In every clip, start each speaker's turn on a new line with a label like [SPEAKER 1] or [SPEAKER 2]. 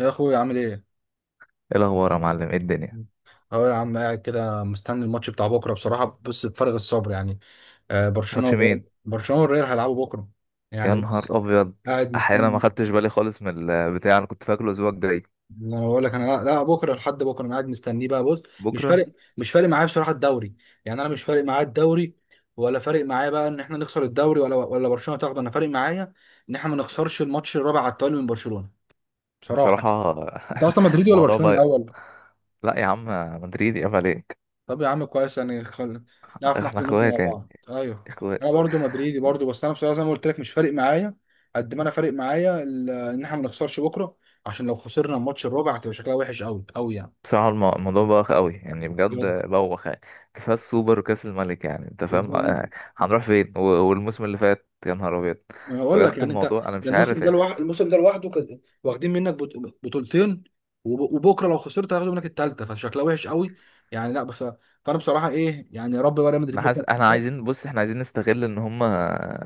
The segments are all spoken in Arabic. [SPEAKER 1] يا اخويا عامل ايه؟
[SPEAKER 2] ايه الاخبار يا معلم، ايه الدنيا؟
[SPEAKER 1] اهو يا عم قاعد كده مستني الماتش بتاع بكره، بصراحه بص بفارغ الصبر يعني.
[SPEAKER 2] ماتش مين؟
[SPEAKER 1] برشلونه والريال هيلعبوا بكره.
[SPEAKER 2] يا
[SPEAKER 1] يعني
[SPEAKER 2] نهار
[SPEAKER 1] بص
[SPEAKER 2] ابيض.
[SPEAKER 1] قاعد
[SPEAKER 2] احيانا ما
[SPEAKER 1] مستني.
[SPEAKER 2] خدتش بالي خالص من البتاع، انا كنت فاكره الاسبوع الجاي.
[SPEAKER 1] انا بقول لك انا لا بكره، لحد بكره انا قاعد مستنيه بقى. بص مش
[SPEAKER 2] بكره.
[SPEAKER 1] فارق مش فارق معايا بصراحه الدوري. يعني انا مش فارق معايا الدوري، ولا فارق معايا بقى ان احنا نخسر الدوري ولا برشلونه تاخده. انا فارق معايا ان احنا ما نخسرش الماتش الرابع على التوالي من برشلونه بصراحه.
[SPEAKER 2] بصراحه.
[SPEAKER 1] انت اصلا مدريدي ولا
[SPEAKER 2] الموضوع
[SPEAKER 1] برشلونه
[SPEAKER 2] بقى.
[SPEAKER 1] الاول؟
[SPEAKER 2] لا يا عم. مدريد يا عليك.
[SPEAKER 1] طب يا عم كويس، يعني نعرف ناخد
[SPEAKER 2] احنا
[SPEAKER 1] وندي مع
[SPEAKER 2] اخوات يعني،
[SPEAKER 1] بعض. ايوه
[SPEAKER 2] اخوات.
[SPEAKER 1] انا برضو مدريدي برضو، بس انا بصراحه زي ما قلت لك مش فارق معايا، قد ما انا فارق معايا ان احنا ما نخسرش بكره، عشان لو خسرنا الماتش الرابع هتبقى شكلها وحش قوي قوي يعني.
[SPEAKER 2] بصراحه الموضوع بوخ قوي يعني، بجد
[SPEAKER 1] بجد.
[SPEAKER 2] بوخ يعني. كفايه السوبر وكاس الملك، يعني انت فاهم
[SPEAKER 1] بالظبط.
[SPEAKER 2] آه، هنروح فين والموسم اللي فات؟ يا نهار ابيض.
[SPEAKER 1] انا بقول لك
[SPEAKER 2] بجد
[SPEAKER 1] يعني انت،
[SPEAKER 2] الموضوع انا
[SPEAKER 1] ده
[SPEAKER 2] مش
[SPEAKER 1] الموسم
[SPEAKER 2] عارف.
[SPEAKER 1] ده لوحده، واخدين منك بطولتين، وبكره لو خسرت هياخدوا منك الثالثه، فشكلها وحش قوي يعني. لا بس، فانا بصراحه ايه يعني، يا رب بقى ريال مدريد
[SPEAKER 2] انا
[SPEAKER 1] بكره
[SPEAKER 2] حاسس
[SPEAKER 1] ما
[SPEAKER 2] احنا
[SPEAKER 1] تخسرش.
[SPEAKER 2] عايزين، بص احنا عايزين نستغل ان هم ان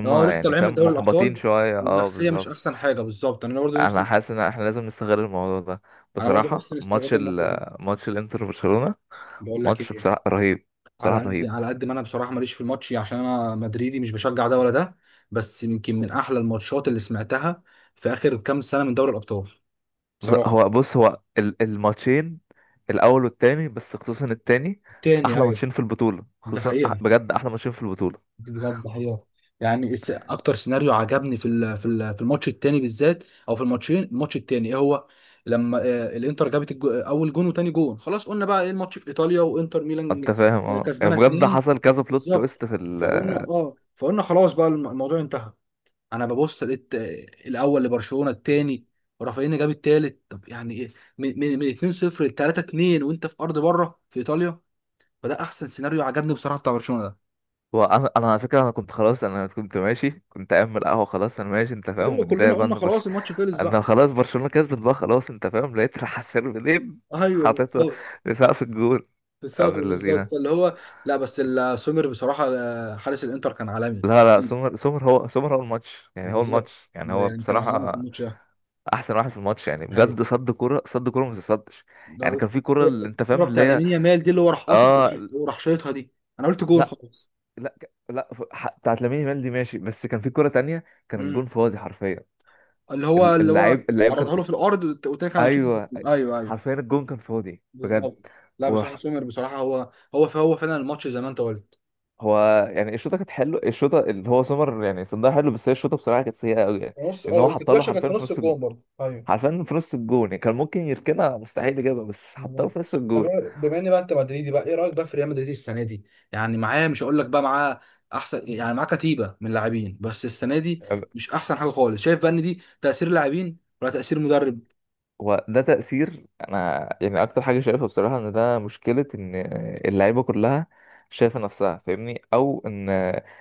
[SPEAKER 2] هم
[SPEAKER 1] اه لسه
[SPEAKER 2] يعني
[SPEAKER 1] طالعين من
[SPEAKER 2] فاهم
[SPEAKER 1] دوري
[SPEAKER 2] محبطين
[SPEAKER 1] الابطال،
[SPEAKER 2] شويه. اه
[SPEAKER 1] والنفسيه مش
[SPEAKER 2] بالظبط.
[SPEAKER 1] احسن حاجه. بالظبط انا برضو،
[SPEAKER 2] انا حاسس ان احنا لازم نستغل الموضوع ده.
[SPEAKER 1] انا برضه
[SPEAKER 2] بصراحه
[SPEAKER 1] نفسي نستغل الموقف ده.
[SPEAKER 2] ماتش الانتر وبرشلونه.
[SPEAKER 1] بقول لك
[SPEAKER 2] ماتش
[SPEAKER 1] ايه،
[SPEAKER 2] بصراحه رهيب، بصراحه
[SPEAKER 1] على قد
[SPEAKER 2] رهيب.
[SPEAKER 1] ما انا بصراحه ماليش في الماتش عشان انا مدريدي، مش بشجع ده ولا ده، بس يمكن من احلى الماتشات اللي سمعتها في اخر كام سنه من دوري الابطال بصراحه.
[SPEAKER 2] هو بص، هو الماتشين الاول والتاني، بس خصوصا التاني.
[SPEAKER 1] تاني،
[SPEAKER 2] احلى
[SPEAKER 1] ايوه
[SPEAKER 2] ماتشين في البطوله،
[SPEAKER 1] ده
[SPEAKER 2] خصوصا
[SPEAKER 1] حقيقه،
[SPEAKER 2] بجد احلى ماتشين في البطوله.
[SPEAKER 1] بجد حقيقة. يعني اكتر سيناريو عجبني في الماتش التاني بالذات، او في الماتشين، الماتش التاني ايه هو، لما الانتر جابت اول جون وتاني جون، خلاص قلنا بقى ايه الماتش في ايطاليا وانتر ميلان
[SPEAKER 2] انت فاهم، اه يعني
[SPEAKER 1] كسبانه
[SPEAKER 2] بجد
[SPEAKER 1] اتنين.
[SPEAKER 2] حصل كذا بلوت
[SPEAKER 1] بالظبط.
[SPEAKER 2] تويست في.
[SPEAKER 1] فقلنا خلاص بقى الموضوع انتهى. انا ببص لقيت الاول لبرشلونه، التاني ورافينيا جاب التالت، طب يعني ايه؟ من 2-0 ل 3-2 وانت في ارض بره في ايطاليا، فده احسن سيناريو عجبني بصراحه بتاع برشلونه.
[SPEAKER 2] وانا انا انا على فكره، انا كنت خلاص، انا كنت ماشي، كنت قايم من القهوه، خلاص انا ماشي، انت فاهم
[SPEAKER 1] ايوه
[SPEAKER 2] متضايق
[SPEAKER 1] كلنا
[SPEAKER 2] بقى
[SPEAKER 1] قلنا
[SPEAKER 2] ان
[SPEAKER 1] خلاص الماتش خلص
[SPEAKER 2] انا
[SPEAKER 1] بقى.
[SPEAKER 2] خلاص برشلونه كسبت بقى خلاص. انت فاهم لقيت راح سيرفين
[SPEAKER 1] ايوه
[SPEAKER 2] حاططها
[SPEAKER 1] بالظبط
[SPEAKER 2] لسقف الجول. يا
[SPEAKER 1] بالظبط
[SPEAKER 2] ابن
[SPEAKER 1] بالظبط
[SPEAKER 2] اللذينه.
[SPEAKER 1] فاللي هو لا بس سومر بصراحه، حارس الانتر كان عالمي.
[SPEAKER 2] لا لا، سومر، سومر هو الماتش يعني، هو
[SPEAKER 1] بالظبط.
[SPEAKER 2] الماتش يعني،
[SPEAKER 1] ده
[SPEAKER 2] هو
[SPEAKER 1] يعني كان عالمي في
[SPEAKER 2] بصراحه
[SPEAKER 1] الماتش ده.
[SPEAKER 2] احسن واحد في الماتش، يعني
[SPEAKER 1] الحقيقه
[SPEAKER 2] بجد صد كوره، صد كوره ما تصدش. يعني
[SPEAKER 1] ده.
[SPEAKER 2] كان في كوره اللي انت
[SPEAKER 1] الكوره
[SPEAKER 2] فاهم اللي
[SPEAKER 1] بتاع
[SPEAKER 2] هي.
[SPEAKER 1] لامين يامال دي، اللي هو راح قاطع وراح
[SPEAKER 2] اه.
[SPEAKER 1] وراح شايطها دي، انا قلت جون
[SPEAKER 2] لا
[SPEAKER 1] خلاص.
[SPEAKER 2] لا لا، بتاعت لامين يامال دي ماشي، بس كان في كوره تانية. كان
[SPEAKER 1] امم
[SPEAKER 2] الجون فاضي حرفيا.
[SPEAKER 1] اللي هو
[SPEAKER 2] اللعيب كان.
[SPEAKER 1] عرضها له في الارض، والتاني كان هيشوط.
[SPEAKER 2] ايوه.
[SPEAKER 1] ايوه.
[SPEAKER 2] حرفيا الجون كان فاضي بجد.
[SPEAKER 1] بالظبط. لا بصراحه
[SPEAKER 2] وراح.
[SPEAKER 1] سومر بصراحه هو فعلا الماتش زي ما انت قلت.
[SPEAKER 2] هو، يعني الشوطه كانت حلوه، الشوطه اللي هو سمر يعني صندها حلو، بس هي الشوطه بصراحه كانت سيئه قوي
[SPEAKER 1] في
[SPEAKER 2] يعني.
[SPEAKER 1] نص،
[SPEAKER 2] لان هو
[SPEAKER 1] اه كانت
[SPEAKER 2] حطها له
[SPEAKER 1] وحشه، كانت في
[SPEAKER 2] حرفيا في
[SPEAKER 1] نص
[SPEAKER 2] نص
[SPEAKER 1] الجون برضه، ايوه.
[SPEAKER 2] حرفيا في نص الجون. يعني كان ممكن يركنها، مستحيل يجيبها، بس حطها له
[SPEAKER 1] مم.
[SPEAKER 2] في نص
[SPEAKER 1] طب
[SPEAKER 2] الجون.
[SPEAKER 1] بما ان بقى انت مدريدي بقى، ايه رايك بقى في ريال مدريد السنه دي؟ يعني معاه، مش هقول لك بقى معاه احسن، يعني معاه كتيبه من لاعبين، بس السنه دي مش احسن حاجه خالص. شايف بقى ان دي تاثير لاعبين ولا تاثير مدرب؟
[SPEAKER 2] هو ده تأثير. أنا يعني أكتر حاجة شايفها بصراحة إن ده مشكلة، إن اللعيبة كلها شايفة نفسها، فاهمني، أو إن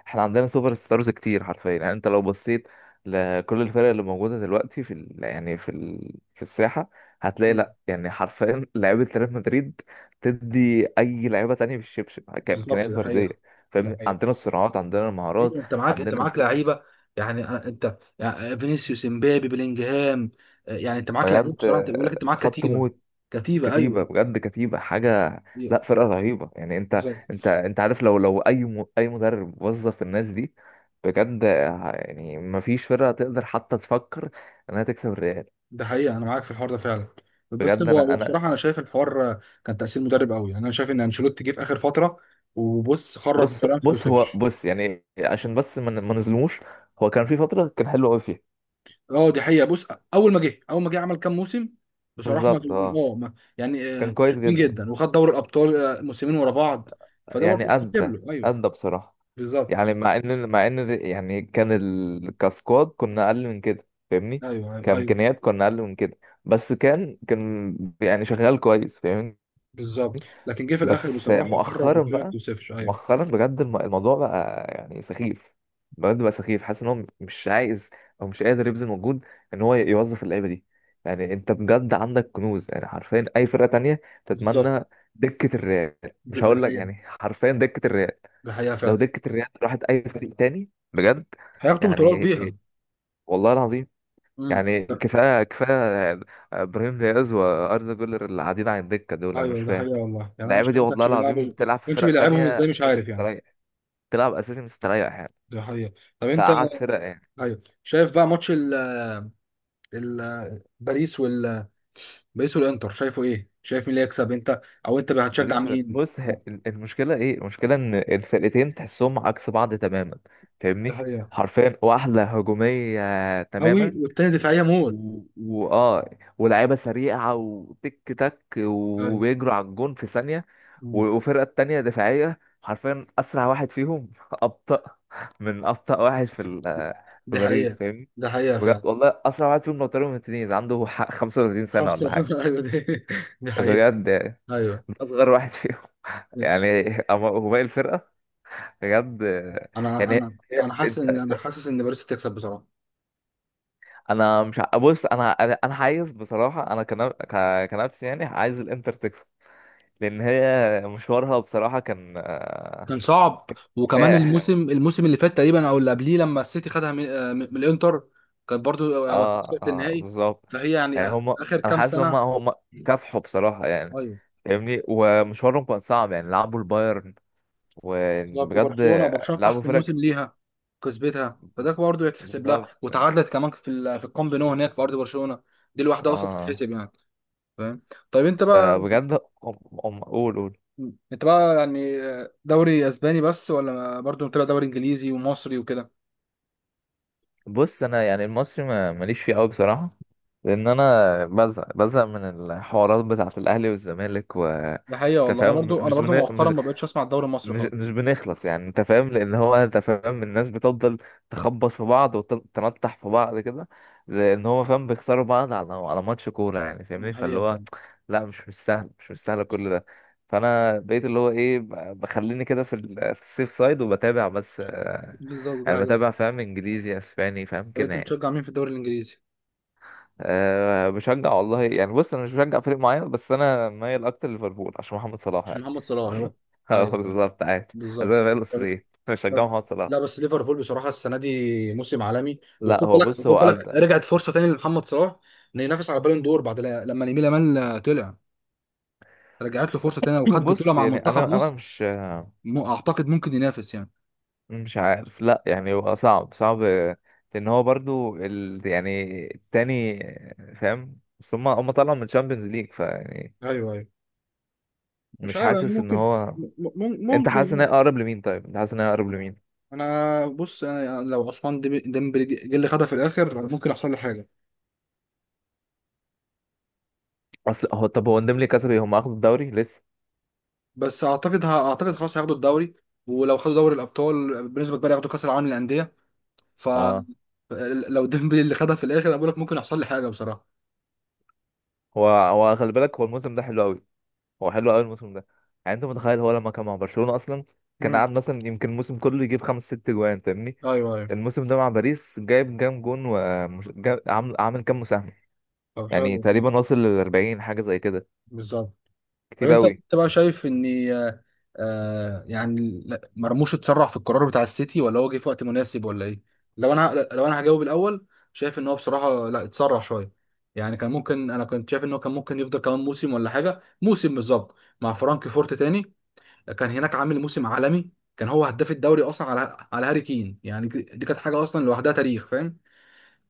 [SPEAKER 2] إحنا عندنا سوبر ستارز كتير حرفيا. يعني أنت لو بصيت لكل الفرق اللي موجودة دلوقتي في يعني في في الساحة، هتلاقي،
[SPEAKER 1] مم.
[SPEAKER 2] لأ يعني حرفيا لعيبة ريال مدريد تدي أي لعيبة تانية بالشبشب
[SPEAKER 1] بالظبط
[SPEAKER 2] كإمكانيات
[SPEAKER 1] ده حقيقه.
[SPEAKER 2] فردية.
[SPEAKER 1] ده
[SPEAKER 2] فاهمني،
[SPEAKER 1] حقيقه.
[SPEAKER 2] عندنا الصراعات، عندنا المهارات،
[SPEAKER 1] إيه، انت
[SPEAKER 2] عندنا
[SPEAKER 1] معاك
[SPEAKER 2] الفينش.
[SPEAKER 1] لعيبه، يعني انت يعني فينيسيوس، امبابي، بلينجهام، يعني انت معاك لعيب
[SPEAKER 2] بجد
[SPEAKER 1] بصراحه. انت بيقول لك انت معاك
[SPEAKER 2] خط
[SPEAKER 1] كتيبه،
[SPEAKER 2] موت.
[SPEAKER 1] كتيبه
[SPEAKER 2] كتيبة،
[SPEAKER 1] ايوه.
[SPEAKER 2] بجد كتيبة حاجة. لا فرقة رهيبة، يعني انت
[SPEAKER 1] إيه.
[SPEAKER 2] عارف، لو اي اي مدرب وظف الناس دي، بجد يعني مفيش فرقة تقدر حتى تفكر انها تكسب الريال.
[SPEAKER 1] ده حقيقة، أنا معاك في الحوار ده فعلا.
[SPEAKER 2] بجد
[SPEAKER 1] بس هو
[SPEAKER 2] انا
[SPEAKER 1] هو
[SPEAKER 2] انا
[SPEAKER 1] بصراحة أنا شايف الحوار كان تأثير مدرب قوي، يعني أنا شايف إن أنشيلوتي جه في آخر فترة وبص خرف
[SPEAKER 2] بص
[SPEAKER 1] بطريقة ما
[SPEAKER 2] بص هو
[SPEAKER 1] تتوصفش.
[SPEAKER 2] بص يعني، عشان بس ما نظلموش. هو كان في فترة كان حلو قوي فيها.
[SPEAKER 1] أه دي حقيقة، بص أول ما جه عمل كام موسم بصراحة، ما
[SPEAKER 2] بالظبط اه.
[SPEAKER 1] أه يعني
[SPEAKER 2] كان كويس
[SPEAKER 1] حلوين
[SPEAKER 2] جدا.
[SPEAKER 1] جدا، وخد دوري الأبطال موسمين ورا بعض، فده برضه
[SPEAKER 2] يعني
[SPEAKER 1] استجاب
[SPEAKER 2] ادى،
[SPEAKER 1] له. أيوه
[SPEAKER 2] ادى بصراحة.
[SPEAKER 1] بالظبط.
[SPEAKER 2] يعني مع ان يعني كان كسكواد كنا اقل من كده، فاهمني.
[SPEAKER 1] أيوه،
[SPEAKER 2] كامكانيات كنا اقل من كده. بس كان يعني شغال كويس، فاهمني.
[SPEAKER 1] بالظبط. لكن جه في الآخر
[SPEAKER 2] بس
[SPEAKER 1] بصراحة خرف
[SPEAKER 2] مؤخرا
[SPEAKER 1] بطريقة ما
[SPEAKER 2] بقى.
[SPEAKER 1] تتوصفش، أيوه
[SPEAKER 2] مؤخرا بجد الموضوع بقى يعني سخيف. بجد بقى سخيف. حاسس ان هو مش عايز، او مش قادر يبذل مجهود ان هو يوظف اللعيبه دي. يعني انت بجد عندك كنوز، يعني حرفيا اي فرقه تانية
[SPEAKER 1] بالظبط.
[SPEAKER 2] تتمنى دكه الريال.
[SPEAKER 1] ده
[SPEAKER 2] مش
[SPEAKER 1] ده
[SPEAKER 2] هقول لك
[SPEAKER 1] حقيقة.
[SPEAKER 2] يعني، حرفيا دكه الريال
[SPEAKER 1] ده حقيقة
[SPEAKER 2] لو
[SPEAKER 1] فعلا،
[SPEAKER 2] دكة الريال راحت أي فريق تاني، بجد
[SPEAKER 1] هياخدوا بطولات
[SPEAKER 2] يعني
[SPEAKER 1] بيها.
[SPEAKER 2] والله العظيم.
[SPEAKER 1] امم
[SPEAKER 2] يعني كفاية، كفاية. إبراهيم دياز وأردا جولر اللي قاعدين على الدكة دول، أنا مش
[SPEAKER 1] ايوه ده
[SPEAKER 2] فاهم.
[SPEAKER 1] حقيقة والله. يعني انا مش
[SPEAKER 2] اللعيبة دي
[SPEAKER 1] عارف
[SPEAKER 2] والله العظيم
[SPEAKER 1] ما
[SPEAKER 2] تلعب في
[SPEAKER 1] كانش
[SPEAKER 2] فرق
[SPEAKER 1] بيلعبهم
[SPEAKER 2] تانية
[SPEAKER 1] ازاي مش
[SPEAKER 2] أساسي
[SPEAKER 1] عارف يعني.
[SPEAKER 2] مستريح، تلعب أساسي مستريح يعني،
[SPEAKER 1] ده حقيقة. طب انت
[SPEAKER 2] تقعد فرق يعني.
[SPEAKER 1] ايوه، شايف بقى ماتش ال ال باريس باريس والانتر، شايفه ايه؟ شايف مين اللي يكسب انت، او انت هتشجع
[SPEAKER 2] باريس
[SPEAKER 1] مين؟
[SPEAKER 2] بص المشكلة إيه؟ المشكلة إن الفرقتين تحسهم عكس بعض تماما،
[SPEAKER 1] ده
[SPEAKER 2] فاهمني؟
[SPEAKER 1] حقيقة.
[SPEAKER 2] حرفيا واحدة هجومية
[SPEAKER 1] قوي
[SPEAKER 2] تماما،
[SPEAKER 1] والتاني دفاعية موت.
[SPEAKER 2] و- واه ولاعيبه سريعه، وتك تك،
[SPEAKER 1] ايوه.
[SPEAKER 2] وبيجروا على الجون في ثانيه.
[SPEAKER 1] مم.
[SPEAKER 2] وفرقه التانيه دفاعيه، حرفيا اسرع واحد فيهم ابطا من ابطا واحد في في
[SPEAKER 1] دي
[SPEAKER 2] باريس،
[SPEAKER 1] حقيقة.
[SPEAKER 2] فاهمني.
[SPEAKER 1] ده حقيقة
[SPEAKER 2] بجد
[SPEAKER 1] فعلا.
[SPEAKER 2] والله اسرع واحد فيهم لوتارو مارتينيز عنده 35 سنه
[SPEAKER 1] خمسة
[SPEAKER 2] ولا حاجه،
[SPEAKER 1] ايوه دي، دي حقيقة.
[SPEAKER 2] بجد يعني، من
[SPEAKER 1] ايوه.
[SPEAKER 2] اصغر واحد فيهم. يعني أما هو باقي الفرقه، بجد يعني.
[SPEAKER 1] انا حاسس
[SPEAKER 2] انت
[SPEAKER 1] ان انا حاسس ان باريس هتكسب بصراحة.
[SPEAKER 2] انا مش بص انا انا أنا عايز بصراحه، انا كنفسي يعني عايز الانتر تكسب، لان هي مشوارها بصراحه كان.
[SPEAKER 1] كان صعب. وكمان مم.
[SPEAKER 2] كفاح.
[SPEAKER 1] الموسم اللي فات تقريبا، او اللي قبليه، لما السيتي خدها من الانتر، كانت برضو
[SPEAKER 2] اه
[SPEAKER 1] وصلت
[SPEAKER 2] اه
[SPEAKER 1] للنهائي،
[SPEAKER 2] بالظبط.
[SPEAKER 1] فهي يعني
[SPEAKER 2] يعني هم،
[SPEAKER 1] اخر
[SPEAKER 2] انا
[SPEAKER 1] كام
[SPEAKER 2] حاسس ان
[SPEAKER 1] سنه.
[SPEAKER 2] هم كافحوا بصراحه يعني،
[SPEAKER 1] ايوه
[SPEAKER 2] فاهمني. ومشوارهم كان صعب، يعني لعبوا البايرن
[SPEAKER 1] بالظبط.
[SPEAKER 2] وبجد
[SPEAKER 1] وبرشلونه، برشلونه في
[SPEAKER 2] لعبوا
[SPEAKER 1] احسن
[SPEAKER 2] فرق
[SPEAKER 1] موسم
[SPEAKER 2] كتير.
[SPEAKER 1] ليها كسبتها، فده برضو يتحسب لها.
[SPEAKER 2] بالظبط يعني.
[SPEAKER 1] وتعادلت كمان في الكامب نو هناك في ارض برشلونه، دي الواحده اصلا
[SPEAKER 2] اه
[SPEAKER 1] تتحسب يعني. فاهم. طيب انت بقى،
[SPEAKER 2] فبجد هم، قول قول.
[SPEAKER 1] يعني دوري اسباني بس، ولا برضو متابع دوري انجليزي ومصري وكده؟
[SPEAKER 2] بص انا يعني المصري ماليش فيه قوي بصراحه، لان انا بزهق بزهق من الحوارات بتاعه الاهلي والزمالك و.
[SPEAKER 1] ده حقيقه
[SPEAKER 2] أنت
[SPEAKER 1] والله. انا
[SPEAKER 2] فاهم،
[SPEAKER 1] برضو،
[SPEAKER 2] مش
[SPEAKER 1] مؤخرا ما بقتش اسمع الدوري المصري
[SPEAKER 2] مش
[SPEAKER 1] خالص.
[SPEAKER 2] مش بنخلص يعني، انت فاهم. لان هو انت فاهم الناس بتفضل تخبط في بعض وتنطح في بعض كده، لان هو فاهم بيخسروا بعض على ماتش كوره يعني، فاهمني.
[SPEAKER 1] ده
[SPEAKER 2] فاللي
[SPEAKER 1] حقيقه.
[SPEAKER 2] هو لا، مش مستاهل، مش مستاهل كل ده. فانا بقيت اللي هو ايه، بخليني كده في في السيف سايد، وبتابع بس.
[SPEAKER 1] بالظبط ده
[SPEAKER 2] يعني
[SPEAKER 1] حقيقة.
[SPEAKER 2] بتابع، فاهم انجليزي، اسباني، فاهم
[SPEAKER 1] طب
[SPEAKER 2] كده
[SPEAKER 1] انت
[SPEAKER 2] يعني.
[SPEAKER 1] بتشجع مين في الدوري الانجليزي؟
[SPEAKER 2] أه بشجع والله يعني، بص انا مش بشجع فريق معين بس انا مايل اكتر ليفربول عشان محمد صلاح
[SPEAKER 1] مش
[SPEAKER 2] يعني.
[SPEAKER 1] محمد صلاح هو؟
[SPEAKER 2] اه
[SPEAKER 1] ايوه
[SPEAKER 2] بالظبط عادي. زي
[SPEAKER 1] بالظبط.
[SPEAKER 2] ما بقول
[SPEAKER 1] طب-
[SPEAKER 2] اسري بشجع
[SPEAKER 1] طب-
[SPEAKER 2] محمد صلاح.
[SPEAKER 1] لا بس ليفربول بصراحه السنه دي موسم عالمي.
[SPEAKER 2] لا
[SPEAKER 1] وخد
[SPEAKER 2] هو
[SPEAKER 1] بالك، خد
[SPEAKER 2] بص هو قال
[SPEAKER 1] بالك
[SPEAKER 2] ده.
[SPEAKER 1] رجعت فرصه تاني لمحمد صلاح انه ينافس على بالون دور، بعد لما لامين يامال طلع، رجعت له فرصه تانيه، وخد بطوله
[SPEAKER 2] بص
[SPEAKER 1] مع
[SPEAKER 2] يعني انا
[SPEAKER 1] منتخب
[SPEAKER 2] انا
[SPEAKER 1] مصر.
[SPEAKER 2] مش
[SPEAKER 1] اعتقد ممكن ينافس يعني.
[SPEAKER 2] مش عارف، لا يعني هو صعب صعب. لان هو برضو ال يعني التاني فاهم، بس هم طلعوا من الشامبيونز ليج، فيعني
[SPEAKER 1] ايوه ايوه. مش
[SPEAKER 2] مش
[SPEAKER 1] عارف يعني،
[SPEAKER 2] حاسس ان
[SPEAKER 1] ممكن،
[SPEAKER 2] هو. انت حاسس ان هي
[SPEAKER 1] ممكن.
[SPEAKER 2] اقرب لمين؟ طيب انت حاسس ان هي اقرب لمين؟
[SPEAKER 1] انا بص، انا لو عثمان ديمبلي جه اللي خدها في الاخر ممكن يحصل لي حاجة.
[SPEAKER 2] اصل هو، طب هو نديم لي كسبي، هم اخدوا الدوري لسه.
[SPEAKER 1] بس اعتقد اعتقد خلاص هياخدوا الدوري، ولو خدوا دوري الابطال بنسبه كبيره ياخدوا كاس العالم للانديه، ف،
[SPEAKER 2] اه
[SPEAKER 1] لو ديمبلي اللي خدها في الاخر انا بقول لك ممكن يحصل لي حاجه بصراحه.
[SPEAKER 2] هو خلي بالك، هو الموسم ده حلو قوي، هو حلو قوي الموسم ده. يعني انت متخيل، هو لما كان مع برشلونة اصلا، كان
[SPEAKER 1] مم.
[SPEAKER 2] قاعد مثلا يمكن الموسم كله يجيب خمس ست جوان، فاهمني.
[SPEAKER 1] ايوه ايوه.
[SPEAKER 2] الموسم ده مع باريس جايب كام جون، وعامل كام مساهمة.
[SPEAKER 1] طب
[SPEAKER 2] يعني
[SPEAKER 1] حلو.
[SPEAKER 2] تقريبا واصل لل 40 حاجة زي كده،
[SPEAKER 1] بالظبط. طب
[SPEAKER 2] كتير
[SPEAKER 1] انت
[SPEAKER 2] قوي.
[SPEAKER 1] انت بقى شايف ان، آه يعني مرموش اتسرع في القرار بتاع السيتي، ولا هو جه في وقت مناسب، ولا ايه؟ لو انا، هجاوب الاول، شايف ان هو بصراحه لا اتسرع شويه، يعني كان ممكن، انا كنت شايف ان هو كان ممكن يفضل كمان موسم ولا حاجه. موسم بالظبط مع فرانك فورت تاني، كان هناك عامل موسم عالمي، كان هو هداف الدوري اصلا على هاري كين، يعني دي كانت حاجه اصلا لوحدها تاريخ فاهم.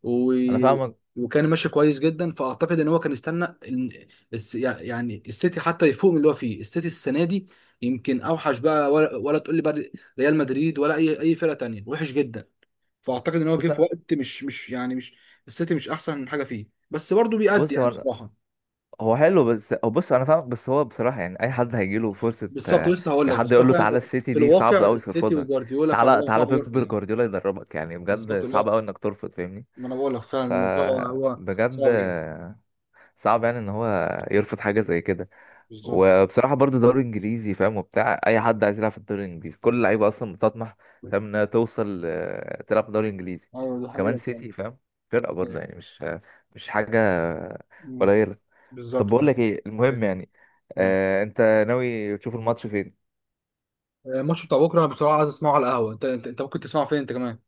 [SPEAKER 1] و...
[SPEAKER 2] انا فاهمك.
[SPEAKER 1] وكان ماشي كويس جدا، فاعتقد ان هو كان استنى يعني السيتي حتى يفوق من اللي هو فيه، السيتي السنه دي يمكن اوحش بقى، ولا تقول لي بقى ريال مدريد ولا اي فرقه تانية وحش جدا، فاعتقد ان هو جه
[SPEAKER 2] بص
[SPEAKER 1] في وقت مش، مش السيتي، مش احسن حاجه فيه، بس برضه بيأدي
[SPEAKER 2] بص
[SPEAKER 1] يعني
[SPEAKER 2] هو
[SPEAKER 1] بصراحه.
[SPEAKER 2] هو حلو بس، هو بص، انا فاهمك بس هو بصراحة يعني اي حد هيجي له فرصة
[SPEAKER 1] بالظبط
[SPEAKER 2] آه،
[SPEAKER 1] لسه هقول
[SPEAKER 2] يا
[SPEAKER 1] لك
[SPEAKER 2] حد
[SPEAKER 1] بس هو
[SPEAKER 2] يقول له تعالى
[SPEAKER 1] فعلا.
[SPEAKER 2] السيتي
[SPEAKER 1] في
[SPEAKER 2] دي،
[SPEAKER 1] الواقع
[SPEAKER 2] صعب قوي
[SPEAKER 1] السيتي
[SPEAKER 2] ترفضها.
[SPEAKER 1] وجوارديولا، فاللي
[SPEAKER 2] تعالى
[SPEAKER 1] هو
[SPEAKER 2] تعالى
[SPEAKER 1] صعب يرفض
[SPEAKER 2] بيب
[SPEAKER 1] يعني.
[SPEAKER 2] جوارديولا يدربك، يعني بجد
[SPEAKER 1] بالظبط.
[SPEAKER 2] صعب
[SPEAKER 1] لا
[SPEAKER 2] قوي انك ترفض، فاهمني.
[SPEAKER 1] ما انا بقول لك فعلا الموضوع هو
[SPEAKER 2] فبجد
[SPEAKER 1] صعب جدا.
[SPEAKER 2] صعب يعني ان هو يرفض حاجه زي كده.
[SPEAKER 1] بالظبط.
[SPEAKER 2] وبصراحه برضو دوري انجليزي فاهم، وبتاع اي حد عايز يلعب في الدوري الانجليزي، كل اللعيبه اصلا بتطمح فاهم انها توصل، تلعب في الدوري الانجليزي.
[SPEAKER 1] ايوه دي
[SPEAKER 2] وكمان
[SPEAKER 1] حقيقة فعلا.
[SPEAKER 2] سيتي فاهم، فرقه برضه
[SPEAKER 1] أيوة.
[SPEAKER 2] يعني، مش مش حاجه
[SPEAKER 1] أمم.
[SPEAKER 2] قليله. طب
[SPEAKER 1] بالظبط
[SPEAKER 2] بقول
[SPEAKER 1] أيوة.
[SPEAKER 2] لك ايه المهم يعني.
[SPEAKER 1] أيوة.
[SPEAKER 2] آه انت ناوي تشوف الماتش فين؟
[SPEAKER 1] الماتش بتاع بكره انا بصراحه عايز اسمعه على القهوه. انت انت ممكن تسمعه فين انت كمان؟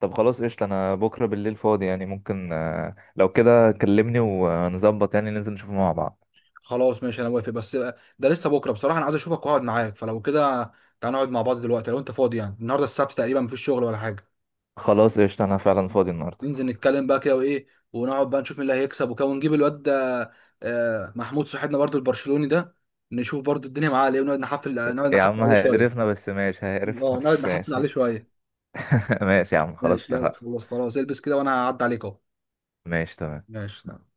[SPEAKER 2] طب خلاص قشطه، انا بكره بالليل فاضي، يعني ممكن، لو كده كلمني ونظبط يعني، ننزل نشوفه مع بعض.
[SPEAKER 1] خلاص ماشي انا موافق، بس ده لسه بكره بصراحه، انا عايز اشوفك واقعد معاك. فلو كده تعال نقعد مع بعض دلوقتي لو انت فاضي، يعني النهارده السبت تقريبا مفيش شغل ولا حاجه.
[SPEAKER 2] خلاص قشطة أنا فعلا فاضي النهاردة.
[SPEAKER 1] ننزل نتكلم بقى كده وايه، ونقعد بقى نشوف مين اللي هيكسب وكده، ونجيب الواد ده محمود صاحبنا برضو البرشلوني ده، نشوف برضو الدنيه معاه على ايه، ونقعد نحفل، نقعد
[SPEAKER 2] يا
[SPEAKER 1] نحفل
[SPEAKER 2] عم
[SPEAKER 1] عليه شويه.
[SPEAKER 2] هيقرفنا بس ماشي،
[SPEAKER 1] اه
[SPEAKER 2] هيقرفنا
[SPEAKER 1] نقعد
[SPEAKER 2] بس
[SPEAKER 1] نحفل عليه
[SPEAKER 2] ماشي.
[SPEAKER 1] شويه.
[SPEAKER 2] ماشي يا عم خلاص
[SPEAKER 1] ماشي يلا
[SPEAKER 2] اتفقنا.
[SPEAKER 1] خلاص، البس كده وانا هعدي عليك اهو.
[SPEAKER 2] ماشي تمام.
[SPEAKER 1] ماشي تمام.